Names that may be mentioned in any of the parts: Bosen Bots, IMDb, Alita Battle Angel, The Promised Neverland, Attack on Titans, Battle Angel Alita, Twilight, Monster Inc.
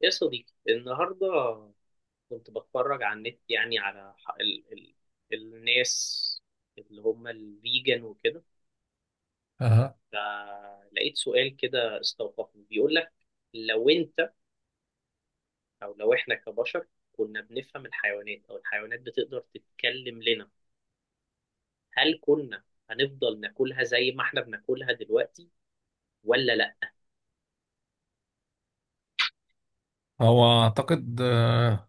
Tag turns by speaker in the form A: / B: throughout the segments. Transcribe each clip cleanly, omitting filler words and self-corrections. A: يا صديقي النهاردة كنت بتفرج على النت، يعني على ح- ال ال الناس اللي هم الفيجن وكده،
B: أه.
A: فلقيت سؤال كده استوقفني، بيقول لك لو انت، او لو احنا كبشر، كنا بنفهم الحيوانات او الحيوانات بتقدر تتكلم لنا، هل كنا هنفضل ناكلها زي ما احنا بناكلها دلوقتي ولا لا؟
B: هو اعتقد اه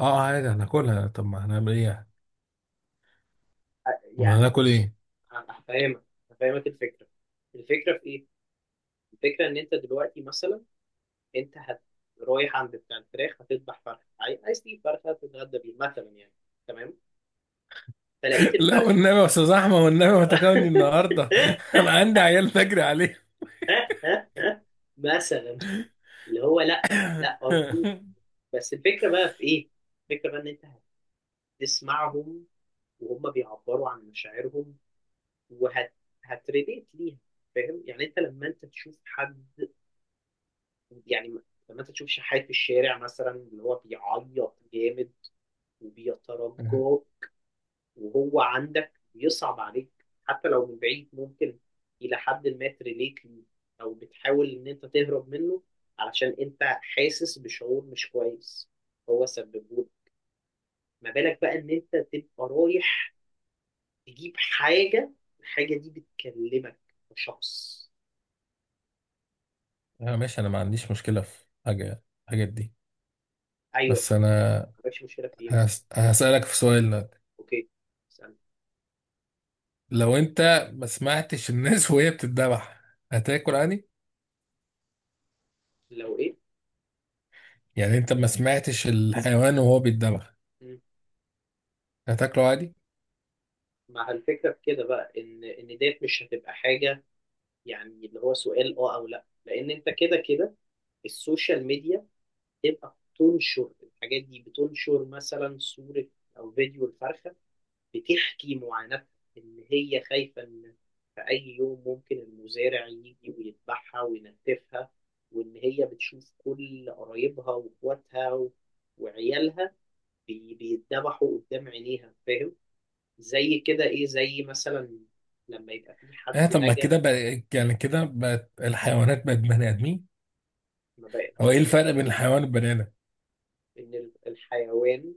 B: آه، عادي هناكلها. طب ما هنعمل ايه يعني؟
A: أ-
B: ما
A: يعني
B: هناكل
A: بص،
B: ايه.
A: ه- هفهمك هفهمك الفكرة. الفكرة في ايه؟ الفكرة ان انت دلوقتي مثلا، انت هت رايح عند بتاع الفراخ، هتذبح فرخه، عايز تجيب فرخه تتغدى بيه مثلا يعني، تمام، فلقيت
B: لا
A: الفرخه.
B: والنبي يا استاذ احمد، والنبي ما تاكلني النهارده. انا عندي عيال نجري عليه.
A: مثلا اللي هو لا، لا ارجوك. بس الفكره بقى في ايه؟ الفكره بقى ان انت هتسمعهم وهم بيعبروا عن مشاعرهم، وهت هتريليت ليها. فاهم؟ يعني انت لما انت تشوف حد، يعني لما انت تشوف شحات في الشارع مثلا اللي هو بيعيط جامد وبيترجى وهو عندك بيصعب عليك، حتى لو من بعيد ممكن إلى حد ما تريليت ليه، أو بتحاول إن أنت تهرب منه علشان أنت حاسس بشعور مش كويس هو سببهولك. ما بالك بقى إن أنت تبقى رايح تجيب حاجة، الحاجة دي بتكلمك كشخص؟
B: لا ماشي، انا ما عنديش مشكلة في الحاجات دي.
A: أيوه.
B: بس
A: ما
B: انا
A: عندكش مشكلة في إيه بالظبط؟
B: هسألك في سؤال لك.
A: أوكي، اسأل.
B: لو انت ما سمعتش الناس وهي بتتذبح، هتاكل عادي؟
A: لو إيه؟
B: يعني انت ما سمعتش الحيوان وهو بيتذبح،
A: مم.
B: هتاكله عادي؟
A: مع الفكرة في كده بقى إن ديت مش هتبقى حاجة، يعني اللي هو سؤال أه أو لأ، لأن أنت كده كده السوشيال ميديا تبقى بتنشر الحاجات دي، بتنشر مثلا صورة أو فيديو الفرخة بتحكي معاناتها إن هي خايفة إن في أي يوم ممكن المزارع يجي ويذبحها وينتفها، وإن هي بتشوف كل قرايبها وإخواتها وعيالها بيتذبحوا قدام عينيها. فاهم؟ زي كده إيه، زي مثلا لما يبقى في
B: اه،
A: حد
B: طب ما كده
A: نجا.
B: بقى، يعني كده بقت الحيوانات بقت بني ادمين.
A: ما بقى
B: هو
A: ما
B: ايه
A: بقى
B: الفرق بين الحيوان والبني ادم؟
A: إن الحيوان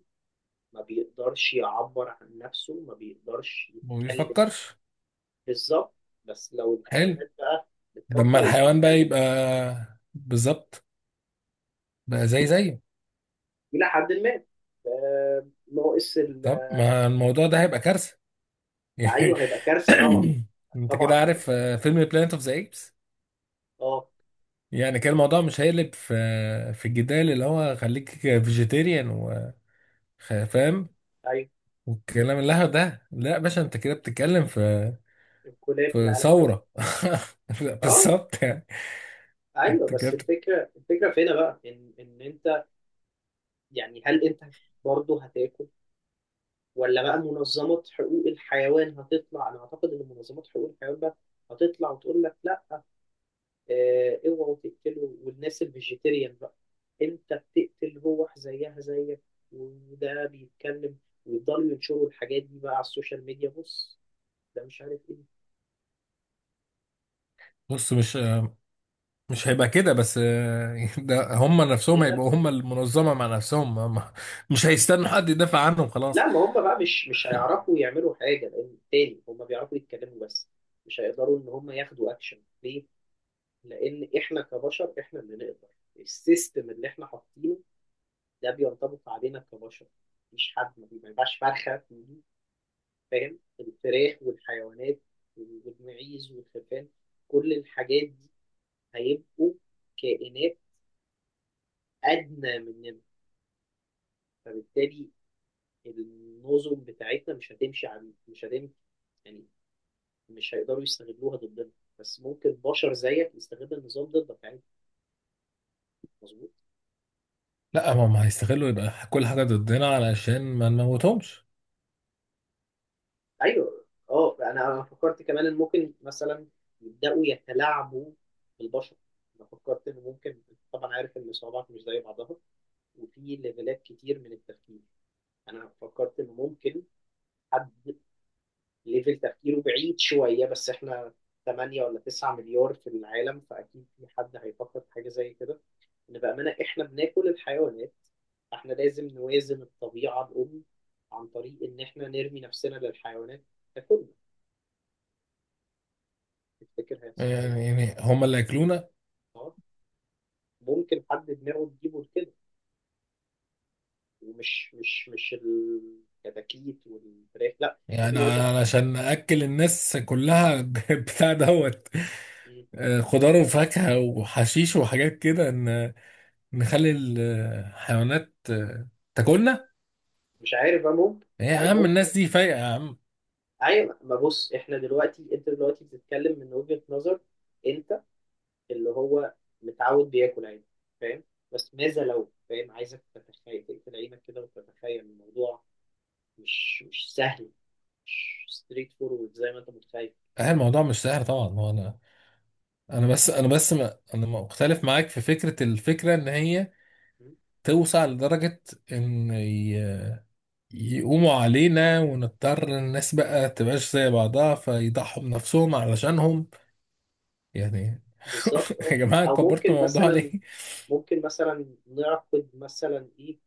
A: ما بيقدرش يعبر عن نفسه، ما بيقدرش
B: ما
A: يتكلم.
B: بيفكرش.
A: بالظبط. بس لو
B: حلو.
A: الحيوانات بقى
B: لما
A: بتفكر
B: الحيوان بقى
A: وبتتكلم
B: يبقى بالظبط، بقى زي زيه.
A: إلى حد ما، ناقص
B: طب ما الموضوع ده هيبقى كارثة.
A: أيوه هيبقى كارثة طبعا.
B: انت كده
A: طبعا هيبقى
B: عارف
A: كارثة.
B: فيلم بلانت اوف ذا ايبس.
A: اه.
B: يعني كان الموضوع مش هيقلب في الجدال، اللي هو خليك فيجيتيريان وفاهم
A: أيوه
B: والكلام اللهو ده. لا يا باشا، انت كده بتتكلم في
A: الكلاب في
B: في
A: العالم كله.
B: ثورة. لا،
A: اه.
B: بالظبط يعني.
A: ايوه
B: انت كده
A: بس
B: بت-
A: الفكره في هنا بقى ان انت، يعني هل انت برضه هتاكل، ولا بقى منظمات حقوق الحيوان هتطلع؟ انا اعتقد ان منظمات حقوق الحيوان بقى هتطلع وتقول لك لا، اوعوا تقتله. والناس الفيجيتيريان بقى، انت بتقتل روح زيها زيك وده بيتكلم، ويضلوا ينشروا الحاجات دي بقى على السوشيال ميديا. بص، ده مش عارف ايه،
B: بص، مش هيبقى كده بس. ده هم نفسهم
A: ايه ده.
B: هيبقوا هم المنظمة مع نفسهم هم. مش هيستنوا حد يدافع عنهم، خلاص.
A: لا ما هم بقى مش هيعرفوا يعملوا حاجه، لان تاني هم بيعرفوا يتكلموا بس مش هيقدروا ان هم ياخدوا اكشن ليه؟ لان احنا كبشر احنا اللي نقدر، السيستم اللي احنا حاطينه ده بينطبق علينا كبشر. مفيش حد ما بيبقاش فرخه، فاهم؟ الفراخ والحيوانات والمعيز والخرفان، كل الحاجات دي هيبقوا كائنات أدنى مننا، فبالتالي النظم بتاعتنا مش هتمشي، يعني مش هيقدروا يستغلوها ضدنا. بس ممكن بشر زيك يستغل النظام ضدك يعني. مظبوط.
B: لا، هم هيستغلوا يبقى كل حاجة ضدنا علشان ما نموتهمش.
A: ايوه اه، أنا فكرت كمان ان ممكن مثلا يبداوا يتلاعبوا بالبشر. انا فكرت ان ممكن، طبعا عارف ان الصعوبات مش زي بعضها وفي ليفلات كتير من التفكير، انا فكرت ان ممكن حد ليفل تفكيره بعيد شويه. بس احنا 8 ولا 9 مليار في العالم، فاكيد في حد هيفكر في حاجه زي كده، ان بامانه احنا بناكل الحيوانات، فاحنا لازم نوازن الطبيعه الام عن طريق ان احنا نرمي نفسنا للحيوانات تاكلنا. تفتكر هيحصل كده؟
B: يعني هما اللي ياكلونا.
A: اه، ممكن حد دماغه تجيبه لكده. ومش مش مش الكتاكيت والفراخ، لا،
B: يعني
A: ممكن يقول لك
B: أنا عشان اكل الناس كلها، بتاع دوت،
A: "مم،
B: خضار وفاكهه وحشيش وحاجات كده، ان نخلي الحيوانات تاكلنا.
A: مش عارف بقى. ممكن
B: إيه
A: او
B: يا عم،
A: ممكن.
B: الناس دي فايقه يا عم.
A: ايوه. ما بص، احنا دلوقتي، انت دلوقتي بتتكلم من وجهة نظر انت اللي هو متعود بياكل عيش، فاهم؟ بس ماذا لو، فاهم، عايزك تتخيل، تقفل عينك كده وتتخيل الموضوع، مش سهل، مش ستريت فورورد زي ما انت متخيل.
B: الموضوع مش سهل طبعا. هو انا بس ما انا مختلف معاك في الفكره. ان هي
A: م?
B: توسع لدرجه ان يقوموا علينا ونضطر الناس بقى تبقاش زي بعضها، فيضحوا بنفسهم علشانهم يعني.
A: بالظبط اه.
B: يا جماعة،
A: او
B: كبرتوا
A: ممكن
B: الموضوع ليه؟
A: مثلا ممكن مثلا نعقد مثلا ايه،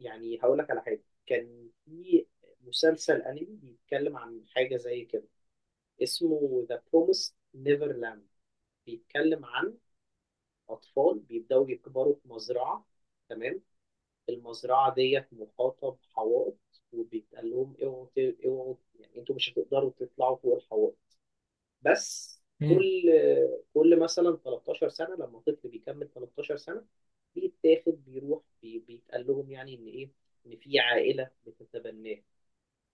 A: يعني هقول لك على حاجه. كان في مسلسل انمي بيتكلم عن حاجه زي كده، اسمه ذا بروميس نيفرلاند. بيتكلم عن أطفال بيبدأوا يكبروا في مزرعة، تمام، المزرعة ديت محاطة بحوائط، وبيتقال لهم اوعوا اوعوا، يعني انتوا مش هتقدروا تطلعوا فوق الحوائط. بس
B: مم.
A: كل مثلا 13 سنة، لما طفل بيكمل 13 سنة بيتاخد بيروح، بيتقال لهم يعني ان ايه، ان في عائلة بتتبناه.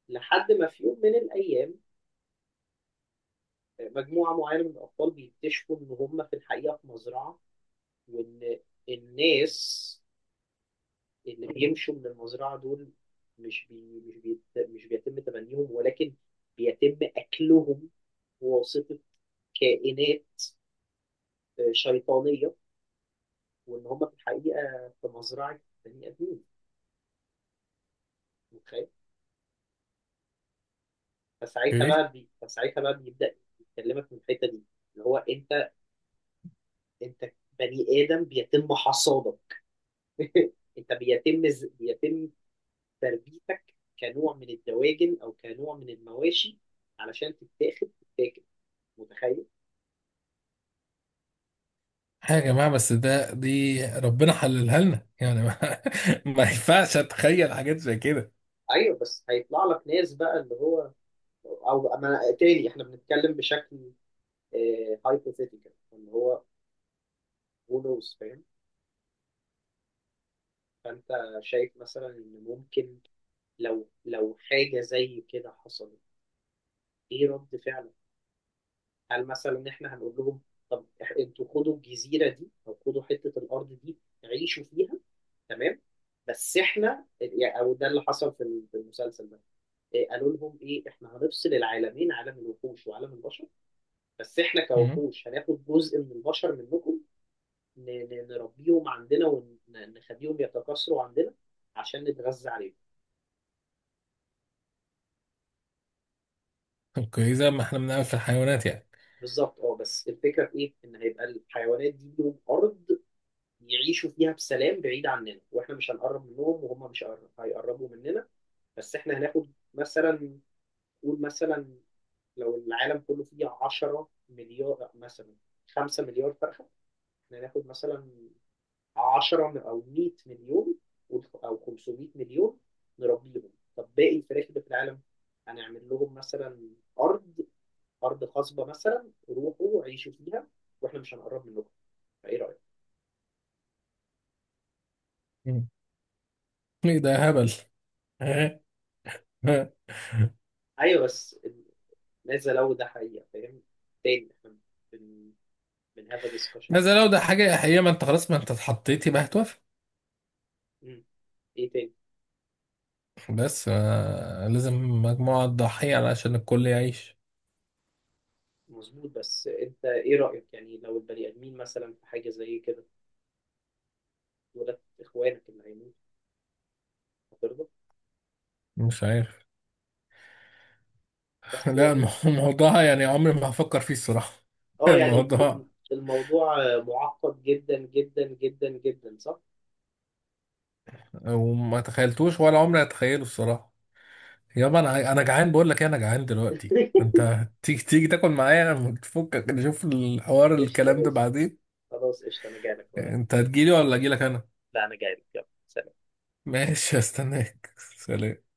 A: لحد ما في يوم من الايام، مجموعة معينة من الاطفال بيكتشفوا ان هم في الحقيقة في مزرعة، وان الناس اللي بيمشوا من المزرعة دول مش بي مش بيت مش بيتم تبنيهم، ولكن بيتم أكلهم بواسطة كائنات شيطانية، وإن هم في الحقيقة في مزرعة بني آدمين. متخيل؟
B: ايه؟
A: فساعتها بقى بيبدأ يكلمك من الحتة دي، اللي هو أنت، أنت بني آدم بيتم حصادك، أنت بيتم تربيتك كنوع من الدواجن أو كنوع من المواشي علشان تتاخد تتاكل. متخيل؟
B: يا جماعة بس دي ربنا حللها لنا يعني، ما, ما ينفعش اتخيل حاجات زي كده.
A: ايوه بس هيطلع لك ناس بقى اللي هو. او أما تاني احنا بنتكلم بشكل هايبوثيتيكال، اللي هو who knows، فاهم؟ فانت شايف مثلا ان ممكن، لو حاجه زي كده حصلت، ايه رد فعلك؟ هل مثلا احنا هنقول لهم، طب انتوا خدوا الجزيره دي او خدوا حته الارض دي، عيشوا فيها، تمام، بس احنا يعني، او ده اللي حصل في في المسلسل ده، قالوا لهم ايه، احنا هنفصل العالمين، عالم الوحوش وعالم البشر، بس احنا
B: مم.
A: كوحوش هناخد جزء من البشر منكم، نربيهم عندنا ونخليهم يتكاثروا عندنا عشان نتغذى عليهم.
B: اوكي، زي ما احنا بنعمل في الحيوانات يعني.
A: بالظبط اه. بس الفكره في ايه؟ ان هيبقى الحيوانات دي لهم ارض يعيشوا فيها بسلام بعيد عننا، واحنا مش هنقرب منهم وهم مش هيقر- هيقربوا مننا. بس احنا هناخد مثلا، قول مثلا لو العالم كله فيه 10 مليار مثلا، 5 مليار فرخه، احنا هناخد مثلا 10 او 100 مليون، او 500 مليون نربيهم. طب باقي الفراخ اللي في العالم هنعمل لهم مثلا ارض، ارض خصبه مثلا، روحوا عيشوا فيها واحنا مش هنقرب منكم، فايه رايك؟
B: مم. ايه ده، هبل.
A: ايوه بس ماذا لو ده حقيقه، فاهم؟ تاني احنا بن بن هاف ديسكشن.
B: بس لو ده حاجة حقيقية، ما انت خلاص، ما انت اتحطيتي بقى، هتوافق.
A: ايه تاني،
B: بس لازم مجموعة تضحية علشان الكل يعيش.
A: مظبوط. بس انت ايه رايك يعني؟ لو البني ادمين مثلا في حاجه زي كده دولت اخوانك اللي هيموتوا، هترضى؟
B: مش عارف.
A: بس
B: لا.
A: يعني
B: الموضوع يعني عمري ما هفكر فيه الصراحة.
A: اه، يعني
B: الموضوع،
A: الموضوع معقد جدا جدا جدا جدا، صح؟
B: وما تخيلتوش ولا عمري هتخيله الصراحه. يابا انا جعان بقول لك إيه، انا جعان دلوقتي انت. تيجي تيجي تاكل معايا، تفكك نشوف الحوار
A: قشطة
B: الكلام ده
A: ماشي،
B: بعدين.
A: خلاص قشطة أنا جايلك،
B: انت هتجيلي ولا اجيلك انا؟
A: لا أنا جايلك يلا سلام.
B: ماشي، هستناك. سلام.